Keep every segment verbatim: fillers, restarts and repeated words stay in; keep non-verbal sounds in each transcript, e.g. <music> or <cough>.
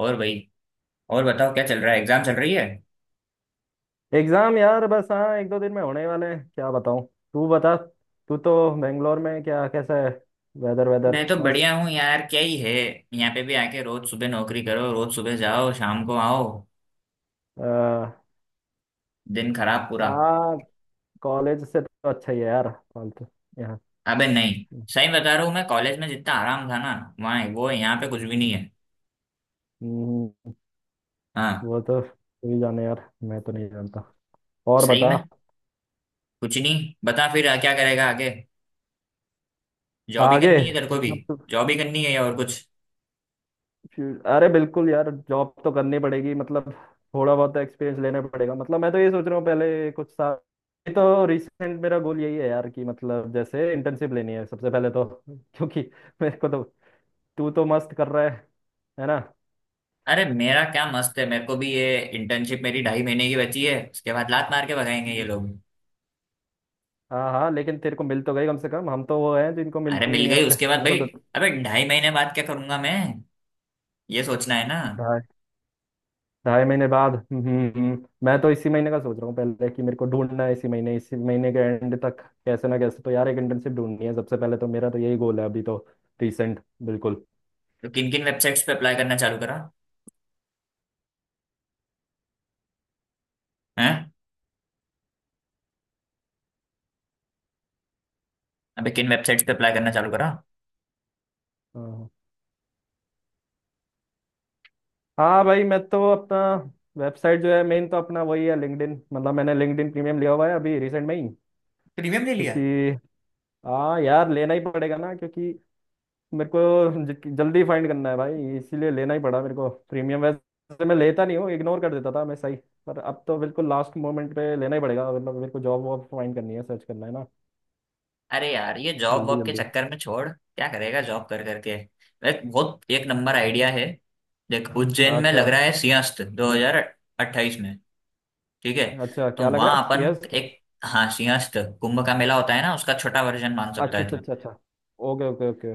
और भाई। और बताओ, क्या चल रहा है? एग्जाम चल रही है? एग्जाम यार, बस हाँ। एक दो दिन में होने वाले हैं, क्या बताऊँ। तू बता। तू तो बेंगलोर में, क्या कैसा है? वेदर वेदर मैं तो बढ़िया मस्त। हूँ यार, क्या ही है। यहाँ पे भी आके रोज सुबह नौकरी करो, रोज सुबह जाओ, शाम को आओ। अ, दिन खराब पूरा। हाँ, कॉलेज से तो अच्छा ही है यार, फालतू यहाँ। अबे नहीं, सही बता रहा हूँ मैं। कॉलेज में जितना आराम था ना, वहाँ वो है, यहाँ पे कुछ भी नहीं है। हम्म। हाँ, वो तो तू ही जाने यार, मैं तो नहीं जानता। और सही बता। में। कुछ नहीं, बता फिर क्या करेगा आगे? जॉब ही आगे करनी है तेरे को भी? मतलब। जॉब ही करनी है या और कुछ? फ्यू- अरे बिल्कुल यार, जॉब तो करनी पड़ेगी मतलब। थोड़ा बहुत एक्सपीरियंस लेना पड़ेगा, मतलब मैं तो ये सोच रहा हूँ पहले कुछ साल। ये तो रिसेंट मेरा गोल यही है यार, कि मतलब जैसे इंटर्नशिप लेनी है सबसे पहले तो <laughs> क्योंकि मेरे को तो। तू तो मस्त कर रहा है है ना? अरे मेरा क्या मस्त है, मेरे को भी ये इंटर्नशिप मेरी ढाई महीने की बची है, उसके बाद लात मार के भगाएंगे ये हम्म। लोग। हाँ हाँ, लेकिन तेरे को मिल तो गई कम से कम, हम तो वो हैं जिनको अरे मिलती मिल नहीं है। गई, उसके बाद हमको भाई अबे ढाई महीने बाद क्या करूंगा मैं? ये सोचना है ना। तो ढाई महीने बाद। हम्म हम्म, हम्म, मैं तो इसी महीने का सोच रहा हूँ पहले, कि मेरे को ढूंढना है इसी महीने, इसी महीने के एंड तक। कैसे ना कैसे तो यार, एक इंटर्नशिप ढूंढनी है सबसे पहले तो, मेरा तो यही गोल है अभी तो। रिसेंट। बिल्कुल। तो किन किन वेबसाइट्स पे अप्लाई करना चालू करा? हैं? अबे किन वेबसाइट्स पे अप्लाई करना चालू करा? हाँ हाँ भाई, मैं तो अपना। वेबसाइट जो है मेन तो अपना वही है लिंक्डइन, मतलब मैंने लिंक्डइन प्रीमियम लिया हुआ है अभी रिसेंट में ही। प्रीमियम ले लिया? क्योंकि हाँ यार, लेना ही पड़ेगा ना, क्योंकि मेरे को ज- जल्दी फाइंड करना है भाई, इसीलिए लेना ही पड़ा मेरे को प्रीमियम, वैसे मैं लेता नहीं हूँ, इग्नोर कर देता था मैं सही। पर अब तो बिल्कुल लास्ट मोमेंट पे लेना ही पड़ेगा मतलब, मेरे को जॉब वॉब फाइंड करनी है, सर्च करना है ना अरे यार ये जॉब जल्दी वॉब के जल्दी। चक्कर में छोड़, क्या करेगा जॉब कर करके। एक बहुत एक नंबर आइडिया है। देख, उज्जैन में अच्छा। लग रहा है सिंहस्थ दो हज़ार अट्ठाईस में। ठीक है? अच्छा तो क्या लग रहा वहां है, अपन सी एस? एक, हाँ, सिंहस्थ कुंभ का मेला होता है ना, उसका छोटा वर्जन मान सकता अच्छा है अच्छा तू। अच्छा अच्छा। Okay okay okay.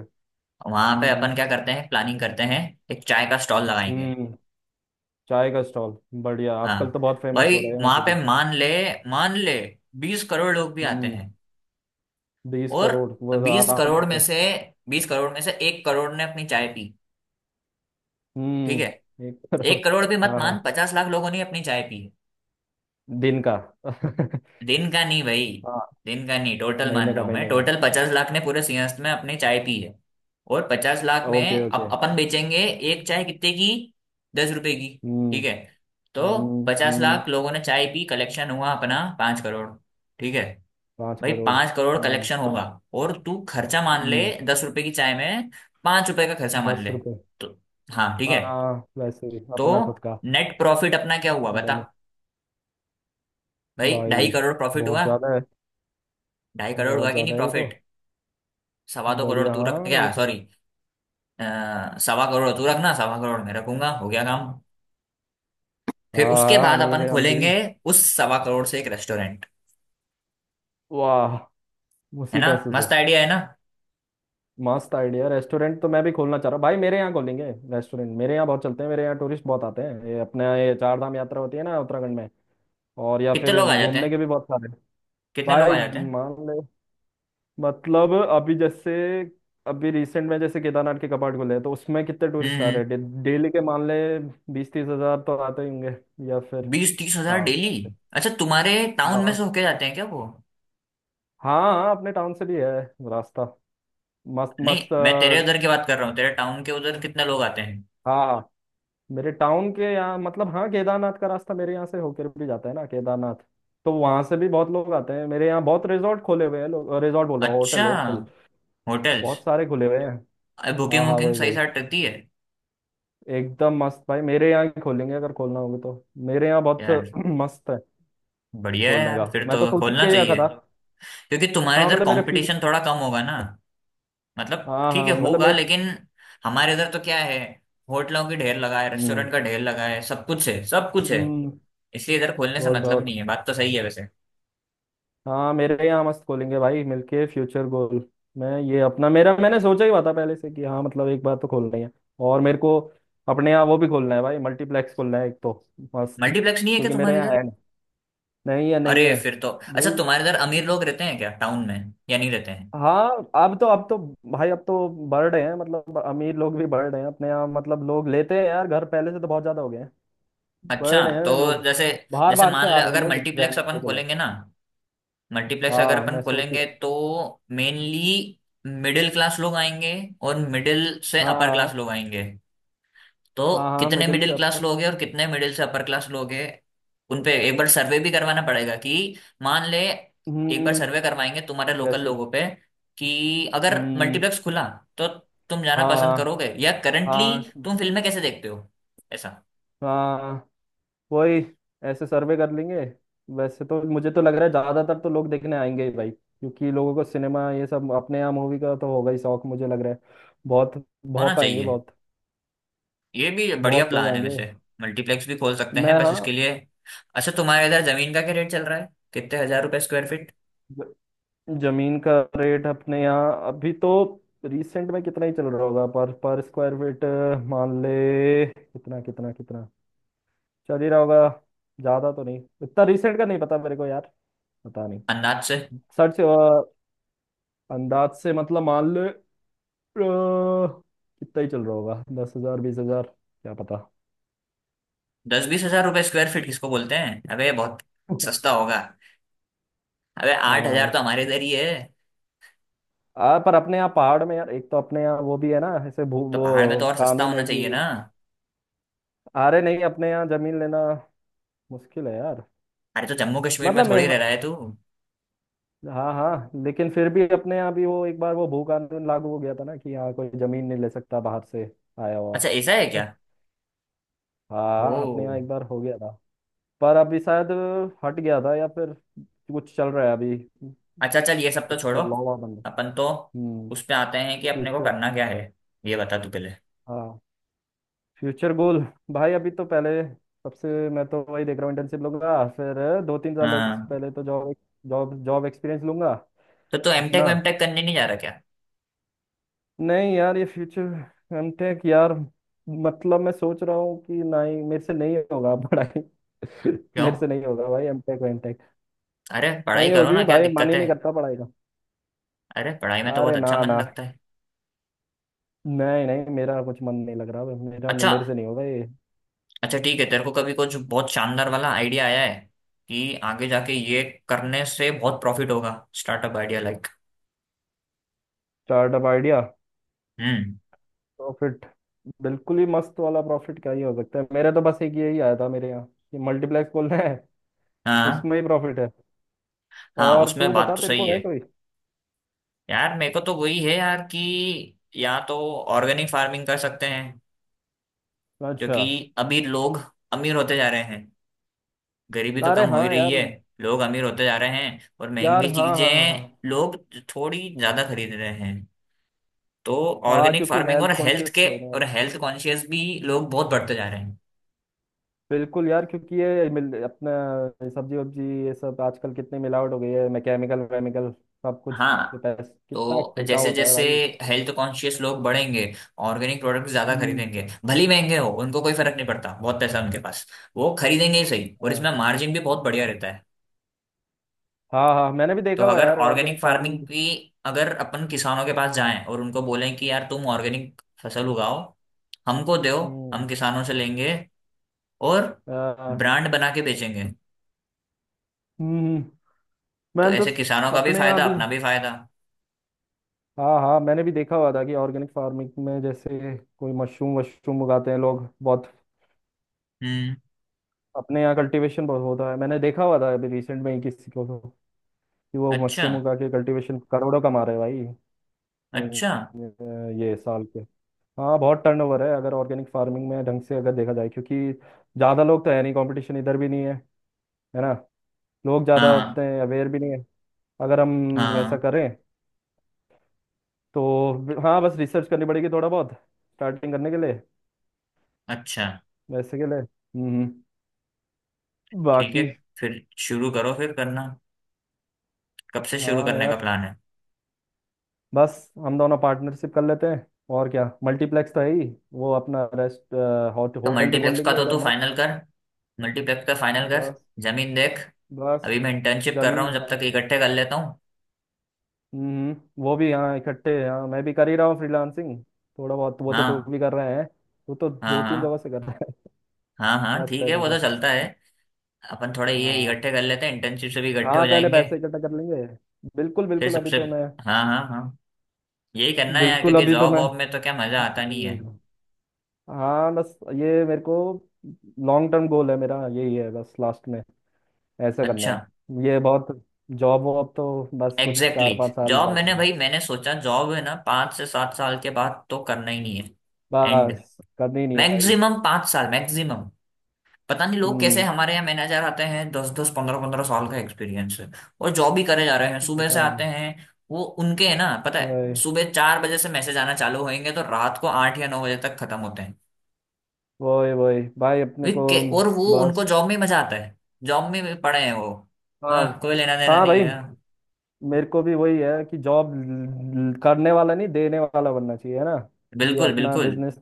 वहां पे हम्म। अपन क्या करते हैं, प्लानिंग करते हैं। एक चाय का स्टॉल लगाएंगे। हम्म हम्म, चाय का स्टॉल बढ़िया, आजकल हाँ तो बहुत फेमस भाई, हो रहे हैं वहां वैसे पे भी। मान ले, मान ले बीस करोड़ लोग भी आते हम्म। हैं। बीस और करोड़ वो तो बीस आराम करोड़ में से। से बीस करोड़ में से एक करोड़ ने अपनी चाय पी। ठीक है? हम्म, एक करोड़। एक करोड़ भी मत हाँ मान, हाँ। पचास लाख लोगों ने अपनी चाय पी है। दिन का? <laughs> दिन का नहीं भाई, हाँ। दिन का नहीं, टोटल महीने मान रहा का हूँ मैं, महीने का। टोटल पचास लाख ने पूरे सिंहस्थ में अपनी चाय पी है। और पचास लाख ओके में अब ओके। अपन बेचेंगे। एक चाय कितने की? दस रुपए की। हम्म ठीक है? तो हम्म। पचास हम्म, लाख लोगों ने चाय पी, कलेक्शन हुआ अपना पांच करोड़। ठीक है? पाँच भाई करोड़ पांच करोड़ हम्म। कलेक्शन होगा। और तू खर्चा मान ले, हम्म दस रुपए की चाय में पांच रुपए का खर्चा मान दस ले। रुपये तो हाँ, ठीक है। आ, वैसे ही, तो अपना खुद का। नेट प्रॉफिट अपना क्या हुआ बता? बन। भाई ढाई भाई करोड़ प्रॉफिट बहुत हुआ। ज्यादा है। ढाई करोड़ हुआ बहुत कि नहीं ज्यादा है ये तो। प्रॉफिट? सवा दो करोड़ बढ़िया, तू रख, हाँ ये क्या तो है। सॉरी, सवा करोड़ तू रखना, सवा करोड़ मैं रखूंगा, हो गया काम। हाँ फिर उसके हाँ, बाद अमीर अपन है अमीरी। खोलेंगे उस सवा करोड़ से एक रेस्टोरेंट। वाह। है उसी ना, पैसे से। मस्त आइडिया है ना? मस्त आइडिया, रेस्टोरेंट तो मैं भी खोलना चाह रहा हूँ भाई, मेरे यहाँ खोलेंगे रेस्टोरेंट, मेरे यहाँ बहुत चलते हैं, मेरे यहाँ टूरिस्ट बहुत आते हैं, ये अपने यहाँ ये चार धाम यात्रा होती है ना उत्तराखंड में। और या कितने फिर लोग आ जाते घूमने के हैं? भी बहुत सारे। कितने लोग भाई आ जाते हैं? मान ले। मतलब अभी जैसे। अभी रिसेंट में जैसे केदारनाथ के कपाट खुले हैं, तो उसमें कितने हम्म टूरिस्ट आ हम्म। रहे हैं डे- डेली के, मान ले बीस तीस हजार तो आते ही होंगे। या फिर। बीस तीस हजार हाँ डेली? अच्छा, तुम्हारे टाउन में से हाँ होके जाते हैं क्या वो? हाँ हाँ, अपने टाउन से भी है रास्ता, मस्त नहीं, मस्त। मैं तेरे उधर की अ, बात कर रहा हूँ, तेरे टाउन के उधर कितने लोग आते हैं? हाँ, मेरे टाउन के यहाँ मतलब, हाँ केदारनाथ का रास्ता मेरे यहाँ से होकर भी जाता है ना, केदारनाथ। तो वहां से भी बहुत लोग आते हैं, मेरे यहाँ बहुत रिजॉर्ट खोले हुए हैं लोग, रिजॉर्ट बोल रहा हूँ, अच्छा। Hotel hotel hotels. बहुत सारे खुले हुए हैं। हाँ बुकिंग हाँ वुकिंग वही सही वही, साथ रहती है? एकदम मस्त भाई, मेरे यहाँ ही खोलेंगे, अगर खोलना होगा तो मेरे यहाँ बहुत यार <clears throat> मस्त है। बढ़िया है खोलने यार, का फिर तो मैं तो सोच ही खोलना के रखा चाहिए। था। क्योंकि तुम्हारे हाँ इधर मतलब मेरे फ्यू। कंपटीशन थोड़ा कम होगा ना। मतलब हाँ ठीक है हाँ मतलब होगा, मेरे। लेकिन हमारे इधर तो क्या है, होटलों की ढेर लगा है, हम्म रेस्टोरेंट का ढेर लगा है, सब कुछ है, सब कुछ है। हम्म, इसलिए इधर खोलने से बहुत मतलब बहुत। नहीं है, बात तो सही है वैसे। हाँ मेरे यहाँ मस्त खोलेंगे भाई मिलके, फ्यूचर गोल। मैं ये अपना, मेरा मैंने सोचा ही हुआ था पहले से कि हाँ मतलब एक बार तो खोलना ही है। और मेरे को अपने यहाँ वो भी खोलना है भाई, मल्टीप्लेक्स खोलना है एक तो मस्त, मल्टीप्लेक्स नहीं है क्या क्योंकि मेरे तुम्हारे यहाँ इधर? है नहीं। नहीं है नहीं अरे है। फिर तो अच्छा, वही। तुम्हारे इधर अमीर लोग रहते हैं क्या टाउन में, या नहीं रहते हैं? हाँ अब तो अब तो, भाई अब तो बढ़ रहे हैं, मतलब अमीर लोग भी बढ़ रहे हैं अपने यहाँ, मतलब लोग लेते हैं यार घर, पहले से तो बहुत ज्यादा हो गए हैं। बढ़ अच्छा। रहे हैं तो लोग। जैसे बाहर जैसे बाहर से मान आ ले, रहे हैं अगर लोग मल्टीप्लेक्स रहने अपन के लिए। खोलेंगे ना, मल्टीप्लेक्स अगर हाँ अपन मैं सोच ही खोलेंगे रहा तो हूँ। मेनली मिडिल क्लास लोग आएंगे और मिडिल से अपर क्लास हाँ। लोग आएंगे। तो हाँ हाँ कितने मिडिल से मिडिल क्लास अपर। लोग हैं और कितने मिडिल से अपर क्लास लोग हैं? उनपे एक बार सर्वे भी करवाना पड़ेगा कि मान ले एक बार हम्म। सर्वे करवाएंगे तुम्हारे लोकल जैसे कि-। लोगों पे कि अगर हम्म। मल्टीप्लेक्स खुला तो तुम जाना पसंद हाँ करोगे या करंटली हाँ। तुम फिल्में कैसे देखते हो, ऐसा हाँ वही, ऐसे सर्वे कर लेंगे। वैसे तो मुझे तो लग रहा है ज्यादातर तो लोग देखने आएंगे ही भाई, क्योंकि लोगों को सिनेमा ये सब, अपने यहाँ मूवी का तो होगा ही शौक मुझे लग रहा है। बहुत होना बहुत आएंगे चाहिए। बहुत। ये भी बढ़िया बहुत लोग प्लान है आएंगे। वैसे। मल्टीप्लेक्स भी खोल सकते हैं मैं, बस, हाँ। इसके लिए। अच्छा, तुम्हारे इधर जमीन का क्या रेट चल रहा है? कितने हजार रुपए स्क्वायर फीट? ज- जमीन का रेट अपने यहाँ अभी तो, रिसेंट में कितना ही चल रहा होगा पर पर स्क्वायर फीट, मान ले कितना कितना कितना चल ही रहा होगा। ज्यादा तो नहीं, इतना रिसेंट का नहीं पता मेरे को यार, पता नहीं। अंदाज से। सच। अंदाज से मतलब मान ले, अ, कितना ही चल रहा होगा, दस हजार बीस हजार, क्या पता। दस बीस हजार रुपए स्क्वायर फीट किसको बोलते हैं अबे, बहुत सस्ता <laughs> होगा। अबे आठ हजार आ, तो हमारे इधर ही है। आ, पर अपने यहाँ पहाड़ में यार, एक तो अपने यहाँ वो भी है ना ऐसे, भू तो पहाड़ में वो तो और सस्ता कानून होना है चाहिए ना। कि। अरे नहीं, अपने यहाँ जमीन लेना मुश्किल है यार। अरे तो जम्मू कश्मीर में मतलब थोड़ी मैं, रह रहा है तू। हाँ हाँ, लेकिन फिर भी अपने यहाँ भी वो एक बार वो भू कानून लागू हो गया था ना, कि यहाँ कोई जमीन नहीं ले सकता बाहर से आया हुआ। अच्छा, ऐसा है क्या? <laughs> हाँ अपने यहाँ ओ। एक बार हो गया था। पर अभी शायद हट गया था या फिर, कुछ चल रहा है अभी। अच्छा चल, ये सब तो कुछ छोड़ो, लॉ बंद। अपन तो हम्म। उस पे आते हैं कि अपने को फ्यूचर। करना क्या है। ये बता तू पहले। हाँ फ्यूचर गोल। भाई अभी तो पहले सबसे, मैं तो वही देख रहा हूँ, इंटर्नशिप लूंगा, फिर दो तीन साल ex- हाँ। पहले तो जॉब। जॉब, जॉब एक्सपीरियंस लूंगा। तो तू एमटेक अपना, वेमटेक करने नहीं जा रहा क्या? नहीं यार ये फ्यूचर एमटेक यार। मतलब मैं सोच रहा हूँ कि नहीं मेरे से नहीं होगा पढ़ाई। <laughs> क्यों? मेरे से नहीं होगा भाई एमटेक वेमटेक। अरे पढ़ाई नहीं करो होगी ना, क्या भाई, मन दिक्कत ही है? नहीं करता पढ़ाई का। अरे पढ़ाई में तो बहुत अरे ना अच्छा मन ना, लगता है। नहीं नहीं मेरा कुछ मन नहीं लग रहा, मेरा अच्छा। मेरे से नहीं होगा ये। अच्छा ठीक है, तेरे को कभी कुछ बहुत शानदार वाला आइडिया आया है कि आगे जाके ये करने से बहुत प्रॉफिट होगा, startup idea like? Startup idea, हम्म। प्रॉफिट? बिल्कुल ही मस्त वाला प्रॉफिट क्या ही हो सकता है, मेरे तो बस एक यही आया था मेरे यहाँ कि मल्टीप्लेक्स खोलना है, हाँ उसमें ही प्रॉफिट है। हाँ, और उसमें तू बात बता, तो तेरे सही को है है। कोई? यार मेरे को तो वही है यार, कि या तो ऑर्गेनिक फार्मिंग कर सकते हैं, अच्छा। क्योंकि अभी लोग अमीर होते जा रहे हैं, गरीबी तो अरे कम हो ही हाँ रही यार। है, लोग अमीर होते जा रहे हैं और यार महंगी हाँ हाँ हाँ हाँ। चीजें लोग थोड़ी ज्यादा खरीद रहे हैं। तो हाँ ऑर्गेनिक क्योंकि फार्मिंग और हेल्थ हेल्थ कॉन्शियस के, होने वाला और है। हेल्थ कॉन्शियस भी लोग बहुत बढ़ते जा रहे हैं। बिल्कुल यार, क्योंकि ये मिल अपना सब्जी वब्जी ये सब, आजकल कितनी मिलावट हो गई है, मैं केमिकल वेमिकल सब कुछ, ये हाँ, पैस कितना तो छिड़काव जैसे होता है जैसे भाई। हेल्थ कॉन्शियस लोग बढ़ेंगे, ऑर्गेनिक प्रोडक्ट ज्यादा हम्म। खरीदेंगे, भले ही महंगे हो उनको कोई फर्क नहीं पड़ता, बहुत पैसा है उनके पास, वो खरीदेंगे ही सही, और हाँ इसमें मार्जिन भी बहुत बढ़िया रहता है। हाँ। हाँ मैंने भी तो देखा हुआ है अगर यार ऑर्गेनिक ऑर्गेनिक फार्मिंग फार्मिंग। की, अगर अपन किसानों के पास जाएं और उनको बोलें कि यार तुम ऑर्गेनिक फसल उगाओ, हमको दो, हम हम्म। किसानों से लेंगे और हाँ, हाँ। ब्रांड बना के बेचेंगे, हम्म हम्म। तो मैंने ऐसे किसानों तो का भी अपने यहाँ फायदा, भी। अपना भी फायदा। हाँ हाँ मैंने भी देखा हुआ था कि ऑर्गेनिक फार्मिंग में, जैसे कोई मशरूम वशरूम उगाते हैं लोग बहुत, हम्म। अपने यहाँ कल्टीवेशन बहुत होता है। मैंने देखा हुआ था अभी रिसेंट में ही किसी को तो, कि वो अच्छा मशरूम उगा के कल्टीवेशन करोड़ों कमा रहे हैं भाई। अच्छा। नहीं ये साल के। हाँ बहुत टर्नओवर है अगर ऑर्गेनिक फार्मिंग में ढंग से अगर देखा जाए, क्योंकि ज़्यादा लोग तो है नहीं, कंपटीशन इधर भी नहीं है, है ना? लोग ज़्यादा होते हाँ हैं, अवेयर भी नहीं है। अगर हम वैसा हाँ। करें तो, हाँ बस रिसर्च करनी पड़ेगी थोड़ा बहुत स्टार्टिंग करने के लिए। अच्छा वैसे के लिए हम्म हम्म। ठीक है, बाकी, फिर शुरू करो, फिर करना, कब से शुरू हाँ करने का यार, प्लान है? बस हम दोनों पार्टनरशिप कर लेते हैं। और क्या, मल्टीप्लेक्स तो है ही, वो अपना रेस्ट, होट, तो होटल भी खोल मल्टीप्लेक्स का लेंगे तो इधर तू मस्त। फाइनल कर, मल्टीप्लेक्स का फाइनल कर, बस जमीन देख। बस अभी मैं इंटर्नशिप कर रहा जमीन हूँ, जब हाँ। तक इकट्ठे कर लेता हूँ। हम्म हम्म। वो भी हाँ, इकट्ठे हाँ मैं भी कर ही रहा हूँ फ्रीलांसिंग थोड़ा बहुत, वो तो तू हाँ भी कर रहे हैं, तू तो हाँ दो तीन हाँ जगह से कर रहा है। हाँ। <laughs> हाँ मस्त ठीक है है, तू वो तो तो। चलता है। अपन थोड़े ये हाँ इकट्ठे कर लेते हैं, इंटर्नशिप से भी इकट्ठे हो हाँ पहले जाएंगे, पैसे इकट्ठा कर लेंगे। बिल्कुल फिर बिल्कुल अभी सबसे। तो मैं, हाँ हाँ हाँ। यही करना है यार, बिल्कुल क्योंकि अभी तो जॉब मैं, वॉब में तो क्या मजा आता नहीं है। हाँ बस ये मेरे को लॉन्ग टर्म गोल है, मेरा यही है बस लास्ट में ऐसा करना अच्छा, है। ये बहुत, जॉब वॉब तो बस कुछ एग्जैक्टली चार पाँच exactly। साल जॉब ज़्यादा मैंने, नहीं। भाई मैंने सोचा जॉब है ना, पाँच से सात साल के बाद तो करना ही नहीं है। एंड बस करनी नहीं है भाई। मैक्सिमम पांच साल, मैक्सिमम। पता नहीं लोग कैसे हम्म। हमारे यहाँ मैनेजर आते हैं, दस दस पंद्रह पंद्रह साल का एक्सपीरियंस है और जॉब ही करे जा रहे हैं। सुबह से पता आते नहीं। हैं, वो उनके है ना, पता है, वही सुबह चार बजे से मैसेज आना चालू होंगे तो रात को आठ या नौ बजे तक खत्म होते हैं। वही वही भाई अपने वे को। के- और वो उनको बस जॉब में मजा आता है, जॉब में भी पड़े हैं वो, हाँ हाँ कोई लेना देना हाँ नहीं भाई, है, हाँ, मेरे को भी वही है कि जॉब करने वाला नहीं, देने वाला बनना चाहिए, है ना? ये बिल्कुल अपना बिल्कुल। बिजनेस।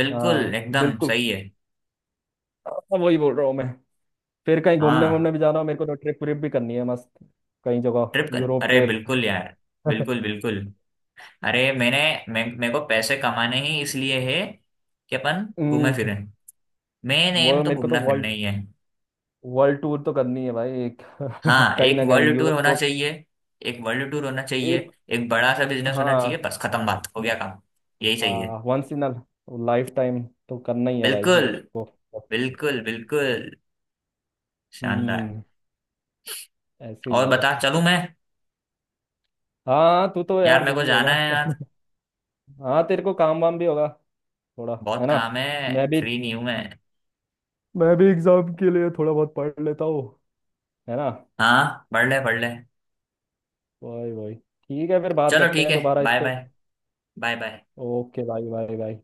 बिल्कुल हाँ एकदम बिल्कुल। सही है। हाँ, वही बोल रहा हूँ मैं। फिर कहीं घूमने हाँ। वूमने भी जाना हो मेरे को तो ट्रिप व्रिप भी करनी है मस्त, कई जगह। ट्रिप कर... यूरोप अरे ट्रिप। बिल्कुल <laughs> यार, बिल्कुल बिल्कुल। अरे मैंने मैं मेरे को पैसे कमाने ही इसलिए है कि अपन घूमे हम्म, फिरें। मेन वो एम तो मेरे को तो घूमना फिरना वर्ल्ड ही है। वर्ल्ड टूर तो करनी है भाई एक। हाँ, <laughs> कहीं एक ना कहीं वर्ल्ड टूर होना यूरोप। चाहिए, एक वर्ल्ड टूर होना चाहिए। एक, एक बड़ा सा बिजनेस होना चाहिए, हाँ बस खत्म, बात हो गया काम, यही चाहिए। हाँ। Once in a lifetime तो करना ही है भाई बिल्कुल मेरे को। बिल्कुल बिल्कुल। शानदार। हम्म। ऐसे ही और है बता, बस। चलूं मैं? हाँ तू तो यार यार मेरे को बिजी जाना होगा। है यार, <laughs> हाँ तेरे को काम वाम भी होगा थोड़ा, बहुत है ना? काम है, मैं भी, फ्री नहीं हूं मैं। मैं भी एग्जाम के लिए थोड़ा बहुत पढ़ लेता हूँ, है ना? हाँ, पढ़ ले पढ़ ले। वही वही ठीक है, फिर बात चलो करते ठीक हैं है, दोबारा इस बाय पे। Bye. Bye bye. Okay bye bye bye.